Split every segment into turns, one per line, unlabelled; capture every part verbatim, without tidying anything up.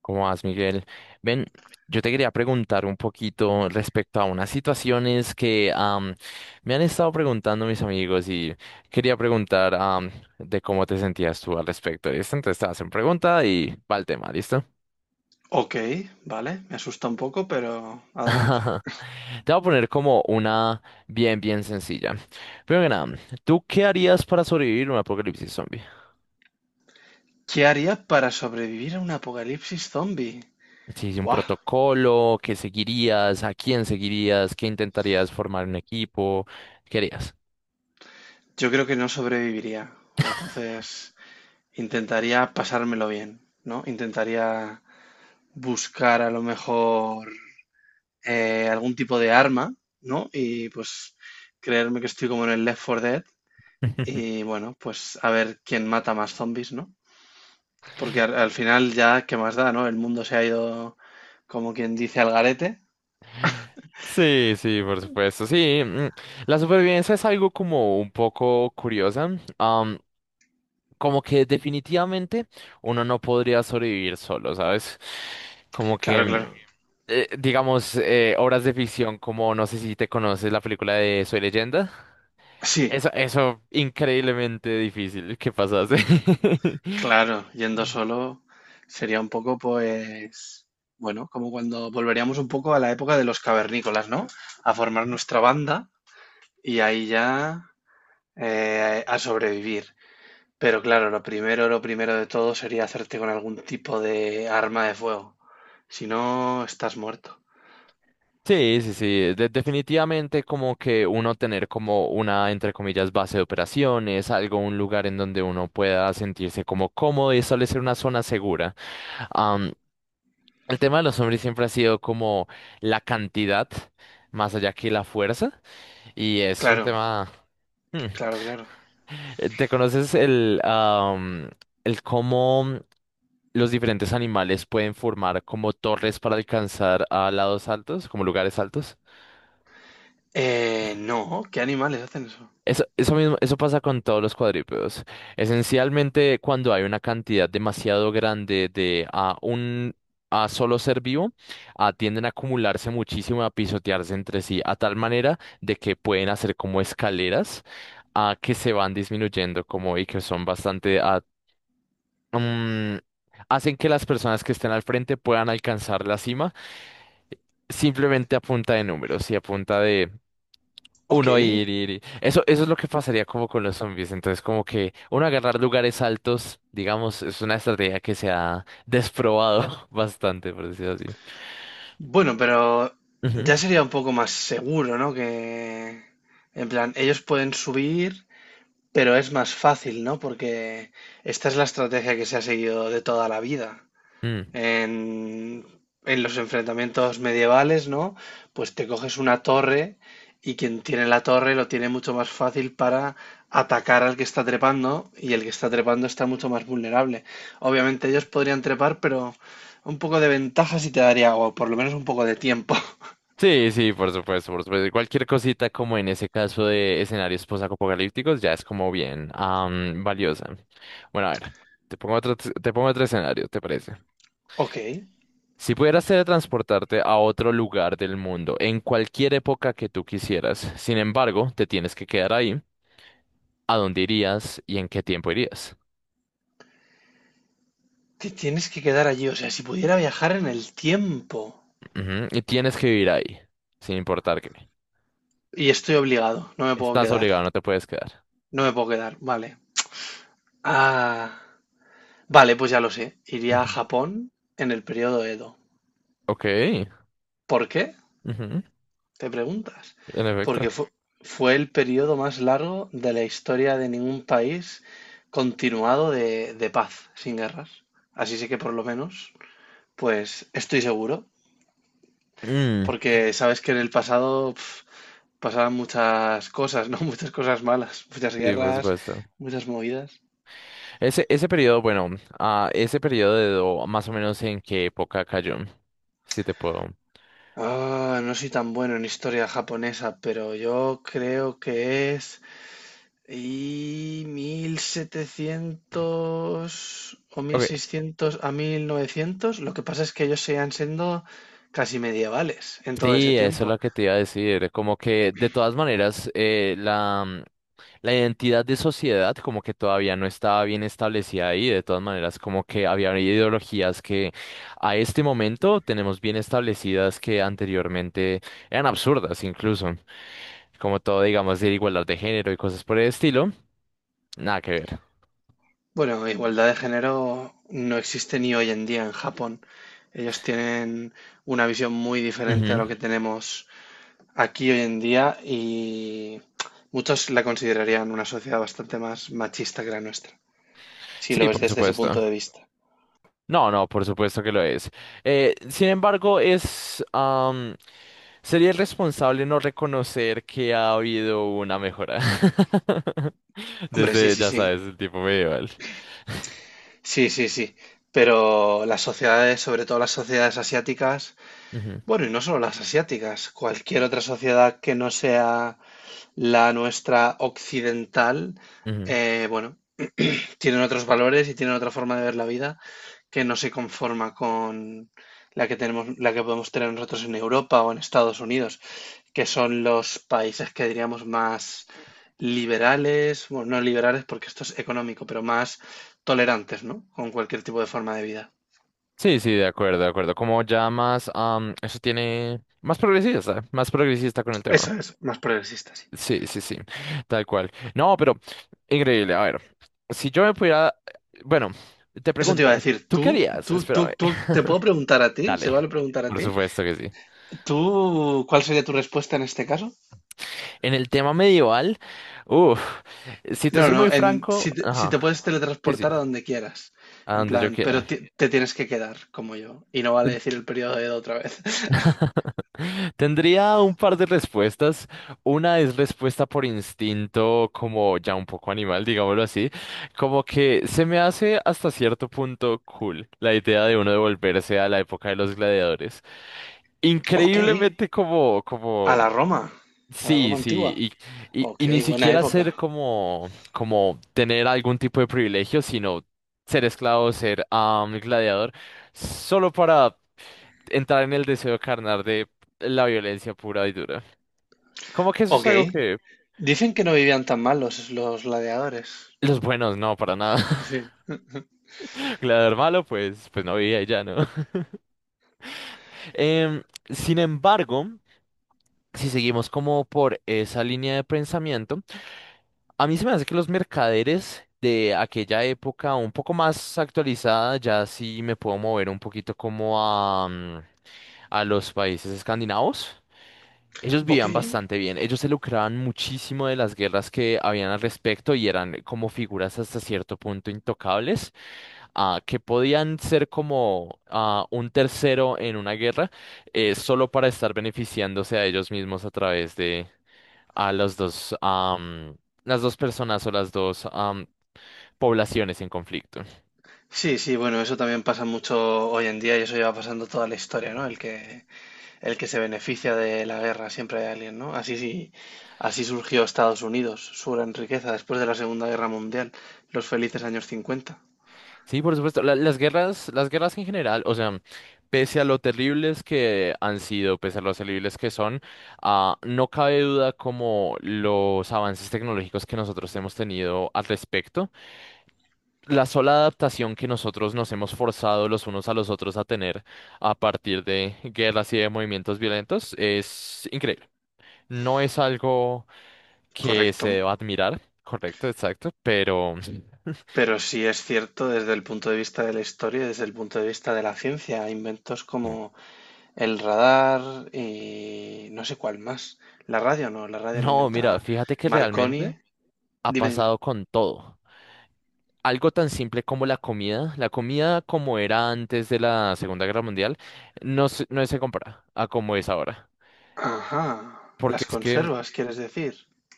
¿Cómo vas, Miguel? Ven, yo te quería preguntar un poquito respecto a unas situaciones que am, me han estado preguntando mis amigos y quería preguntar am, de cómo te sentías tú al respecto de esto. Entonces te hacen pregunta y va el tema, ¿listo?
Ok, vale, me asusta un poco, pero adelante.
Te voy a poner como una bien, bien sencilla. Primero que nada, ¿tú qué harías para sobrevivir a un apocalipsis zombie?
¿Qué haría para sobrevivir a un apocalipsis zombie?
Si es un
Buah,
protocolo, ¿qué seguirías? ¿A quién seguirías? ¿Qué intentarías formar un equipo? ¿Qué harías?
yo creo que no sobreviviría. Entonces, intentaría pasármelo bien, ¿no? Intentaría buscar a lo mejor eh, algún tipo de arma, ¿no? Y pues creerme que estoy como en el Left four Dead y bueno, pues a ver quién mata más zombies, ¿no? Porque al, al final ya, ¿qué más da, no? El mundo se ha ido, como quien dice, al garete.
Sí, sí, por supuesto. Sí, mm, la supervivencia es algo como un poco curiosa. am, Como que definitivamente uno no podría sobrevivir solo, ¿sabes? Como que
Claro,
mm,
claro.
eh, digamos, eh, obras de ficción como, no sé si te conoces la película de Soy Leyenda.
Sí,
Eso, eso, increíblemente difícil que pasase.
claro, yendo solo sería un poco, pues, bueno, como cuando volveríamos un poco a la época de los cavernícolas, ¿no? A formar
Ujú.
nuestra banda y ahí ya eh, a sobrevivir. Pero claro, lo primero, lo primero de todo sería hacerte con algún tipo de arma de fuego. Si no, estás muerto. Sí,
Sí, sí, sí. De- definitivamente como que uno tener como una, entre comillas, base de operaciones, algo, un lugar en donde uno pueda sentirse como cómodo y establecer una zona segura. Am, el tema de los hombres siempre ha sido como la cantidad, más allá que la fuerza, y es un
claro,
tema... Hmm.
claro, claro.
Eh, ¿Te conoces el, am, el cómo los diferentes animales pueden formar como torres para alcanzar a lados altos, como lugares altos?
Eh, no, ¿qué animales hacen eso?
Eso, eso mismo, eso pasa con todos los cuadrúpedos. Esencialmente, cuando hay una cantidad demasiado grande de a un a solo ser vivo, ah, tienden a acumularse muchísimo, a pisotearse entre sí, a tal manera de que pueden hacer como escaleras ah, que se van disminuyendo como y que son bastante ah, mm, hacen que las personas que estén al frente puedan alcanzar la cima simplemente a punta de números y a punta de
Ok,
uno ir, ir, ir. Eso, eso es lo que pasaría como con los zombies. Entonces, como que uno agarrar lugares altos, digamos, es una estrategia que se ha desprobado bastante, por decirlo así.
bueno, pero
Ujú.
ya sería un poco más seguro, ¿no? Que, en plan, ellos pueden subir, pero es más fácil, ¿no? Porque esta es la estrategia que se ha seguido de toda la vida.
Mm.
En, en los enfrentamientos medievales, ¿no? Pues te coges una torre y quien tiene la torre lo tiene mucho más fácil para atacar al que está trepando y el que está trepando está mucho más vulnerable. Obviamente ellos podrían trepar, pero un poco de ventaja sí te daría, o por lo menos un poco de tiempo.
Sí, sí, por supuesto, por supuesto. Cualquier cosita como en ese caso de escenarios posapocalípticos ya es como bien am, valiosa. Bueno, a ver, te pongo otro, te pongo otro escenario, ¿te parece?
Ok,
Si pudieras teletransportarte a otro lugar del mundo, en cualquier época que tú quisieras, sin embargo, te tienes que quedar ahí, ¿a dónde irías y en qué tiempo irías?
te tienes que quedar allí, o sea, si pudiera viajar en el tiempo.
Ujú. Y tienes que vivir ahí, sin importar qué.
Y estoy obligado, no me puedo
Estás
quedar,
obligado, no te puedes quedar.
no me puedo quedar, vale. Ah. Vale, pues ya lo sé. Iría a
Ujú.
Japón en el periodo Edo.
Ok,
¿Por qué?
ujú.
Te preguntas.
En efecto.
Porque fu- fue, el periodo más largo de la historia de ningún país continuado de, de paz, sin guerras. Así sí que por lo menos, pues estoy seguro.
Mm,
Porque sabes que en el pasado pf, pasaban muchas cosas, ¿no? Muchas cosas malas, muchas
sí, por
guerras,
supuesto.
muchas movidas.
Ese, ese periodo, bueno, ah, ese periodo, más o menos en qué época cayó, si te puedo.
Ah, no soy tan bueno en historia japonesa, pero yo creo que es... Y mil setecientos o mil
Ok.
seiscientos a mil novecientos, lo que pasa es que ellos seguían siendo casi medievales en todo ese
Sí, eso
tiempo.
es lo que te iba a decir. Como que de todas maneras eh, la, mm, la identidad de sociedad como que todavía no estaba bien establecida ahí. De todas maneras como que había ideologías que a este momento tenemos bien establecidas que anteriormente eran absurdas incluso. Como todo, digamos, de igualdad de género y cosas por el estilo. Nada que ver.
Bueno, igualdad de género no existe ni hoy en día en Japón. Ellos tienen una visión muy diferente a
Ujú.
lo que tenemos aquí hoy en día y muchos la considerarían una sociedad bastante más machista que la nuestra, si lo
Sí,
ves
por
desde ese
supuesto.
punto de vista.
No, no, por supuesto que lo es. Eh, sin embargo, es, am, sería irresponsable no reconocer que ha habido una mejora
Hombre, sí,
desde,
sí,
ya
sí.
sabes, el tiempo medieval.
Sí, sí, sí. Pero las sociedades, sobre todo las sociedades asiáticas,
Ujú,
bueno, y no solo las asiáticas, cualquier otra sociedad que no sea la nuestra occidental,
ujú.
eh, bueno, tienen otros valores y tienen otra forma de ver la vida que no se conforma con la que tenemos, la que podemos tener nosotros en Europa o en Estados Unidos, que son los países que diríamos más liberales, bueno, no liberales porque esto es económico, pero más tolerantes, ¿no? Con cualquier tipo de forma de vida.
Sí, sí, de acuerdo, de acuerdo. Como ya más, am, eso tiene más progresista, más progresista con el tema.
Eso es, más progresista, sí.
Sí, sí, sí, tal cual. No, pero increíble. A ver, si yo me pudiera, bueno, te
Eso te iba
pregunto,
a decir,
¿tú
tú,
qué harías?
tú, tú,
Espérame.
tú, te puedo preguntar a ti, se
Dale,
vale preguntar a
por
ti,
supuesto que sí.
¿tú cuál sería tu respuesta en este caso?
En el tema medieval, uff, si te
No,
soy muy
no, en,
franco,
si, te, si te
ajá,
puedes
sí, sí,
teletransportar a donde quieras,
a
en
donde yo
plan,
quiera.
pero ti- te, tienes que quedar como yo, y no vale
Ten-
decir el periodo de edad otra vez.
Tendría un par de respuestas. Una es respuesta por instinto, como ya un poco animal, digámoslo así. Como que se me hace hasta cierto punto cool la idea de uno devolverse a la época de los gladiadores.
Ok,
Increíblemente como,
a
como
la Roma, a la Roma
sí, sí,
antigua.
y, y,
Ok,
y ni
buena
siquiera
época.
ser como, como tener algún tipo de privilegio, sino ser esclavo, ser ah, un gladiador, solo para entrar en el deseo carnal de la violencia pura y dura. Como que eso es
Ok,
algo que
dicen que no vivían tan mal los, los gladiadores.
los buenos no, para nada.
Sí.
Gladiador malo, pues, pues no vivía y ya, ¿no? Em, sin embargo, si seguimos como por esa línea de pensamiento, a mí se me hace que los mercaderes de aquella época, un poco más actualizada, ya sí me puedo mover un poquito como a, mm, a los países escandinavos. Ellos
Ok,
vivían bastante bien, ellos se lucraban muchísimo de las guerras que habían al respecto y eran como figuras hasta cierto punto intocables, ah, que podían ser como ah, un tercero en una guerra eh, solo para estar beneficiándose a ellos mismos a través de, a los dos, am, las dos personas o las dos am, poblaciones en conflicto.
sí, sí, bueno, eso también pasa mucho hoy en día y eso lleva pasando toda la historia, ¿no? El que, el que se beneficia de la guerra siempre hay alguien, ¿no? Así sí, así surgió Estados Unidos, su gran riqueza después de la Segunda Guerra Mundial, los felices años cincuenta.
Sí, por supuesto. La- las guerras, las guerras en general, o sea, pese a lo terribles que han sido, pese a lo terribles que son, ah, no cabe duda como los avances tecnológicos que nosotros hemos tenido al respecto, la sola adaptación que nosotros nos hemos forzado los unos a los otros a tener a partir de guerras y de movimientos violentos es increíble. No es algo que se
Correcto,
deba admirar, correcto, exacto, pero
pero sí es cierto desde el punto de vista de la historia, y desde el punto de vista de la ciencia, inventos como el radar y no sé cuál más. La radio no, la radio la
no, mira,
inventa
fíjate que realmente
Marconi.
ha
Dime, dime.
pasado con todo. Algo tan simple como la comida, la comida como era antes de la Segunda Guerra Mundial, no se, no se compara a como es ahora.
Ajá,
Porque
las
es que
conservas, ¿quieres decir?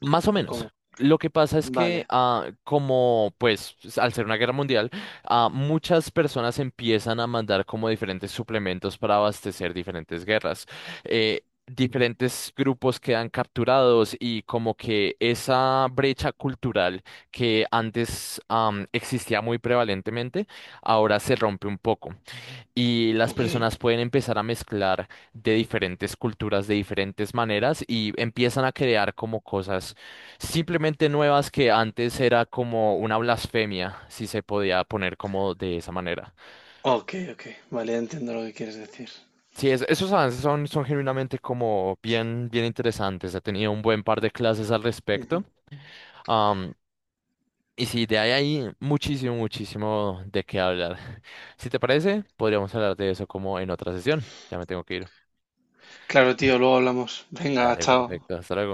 más o
¿O
menos.
cómo?
Lo que pasa es que,
Vale,
ah, como pues al ser una guerra mundial, ah, muchas personas empiezan a mandar como diferentes suplementos para abastecer diferentes guerras. Eh, diferentes grupos quedan capturados y como que esa brecha cultural que antes, am, existía muy prevalentemente, ahora se rompe un poco y las
ok,
personas pueden empezar a mezclar de diferentes culturas, de diferentes maneras y empiezan a crear como cosas simplemente nuevas que antes era como una blasfemia, si se podía poner como de esa manera.
ok, ok, vale, ya entiendo lo que quieres decir.
Sí, es- esos avances son, son genuinamente como bien, bien interesantes. He tenido un buen par de clases al respecto.
Ujú.
Am, y sí, de ahí hay muchísimo, muchísimo de qué hablar. Si te parece, podríamos hablar de eso como en otra sesión. Ya me tengo que ir.
Claro, tío, luego hablamos. Venga,
Dale,
chao.
perfecto. Hasta luego.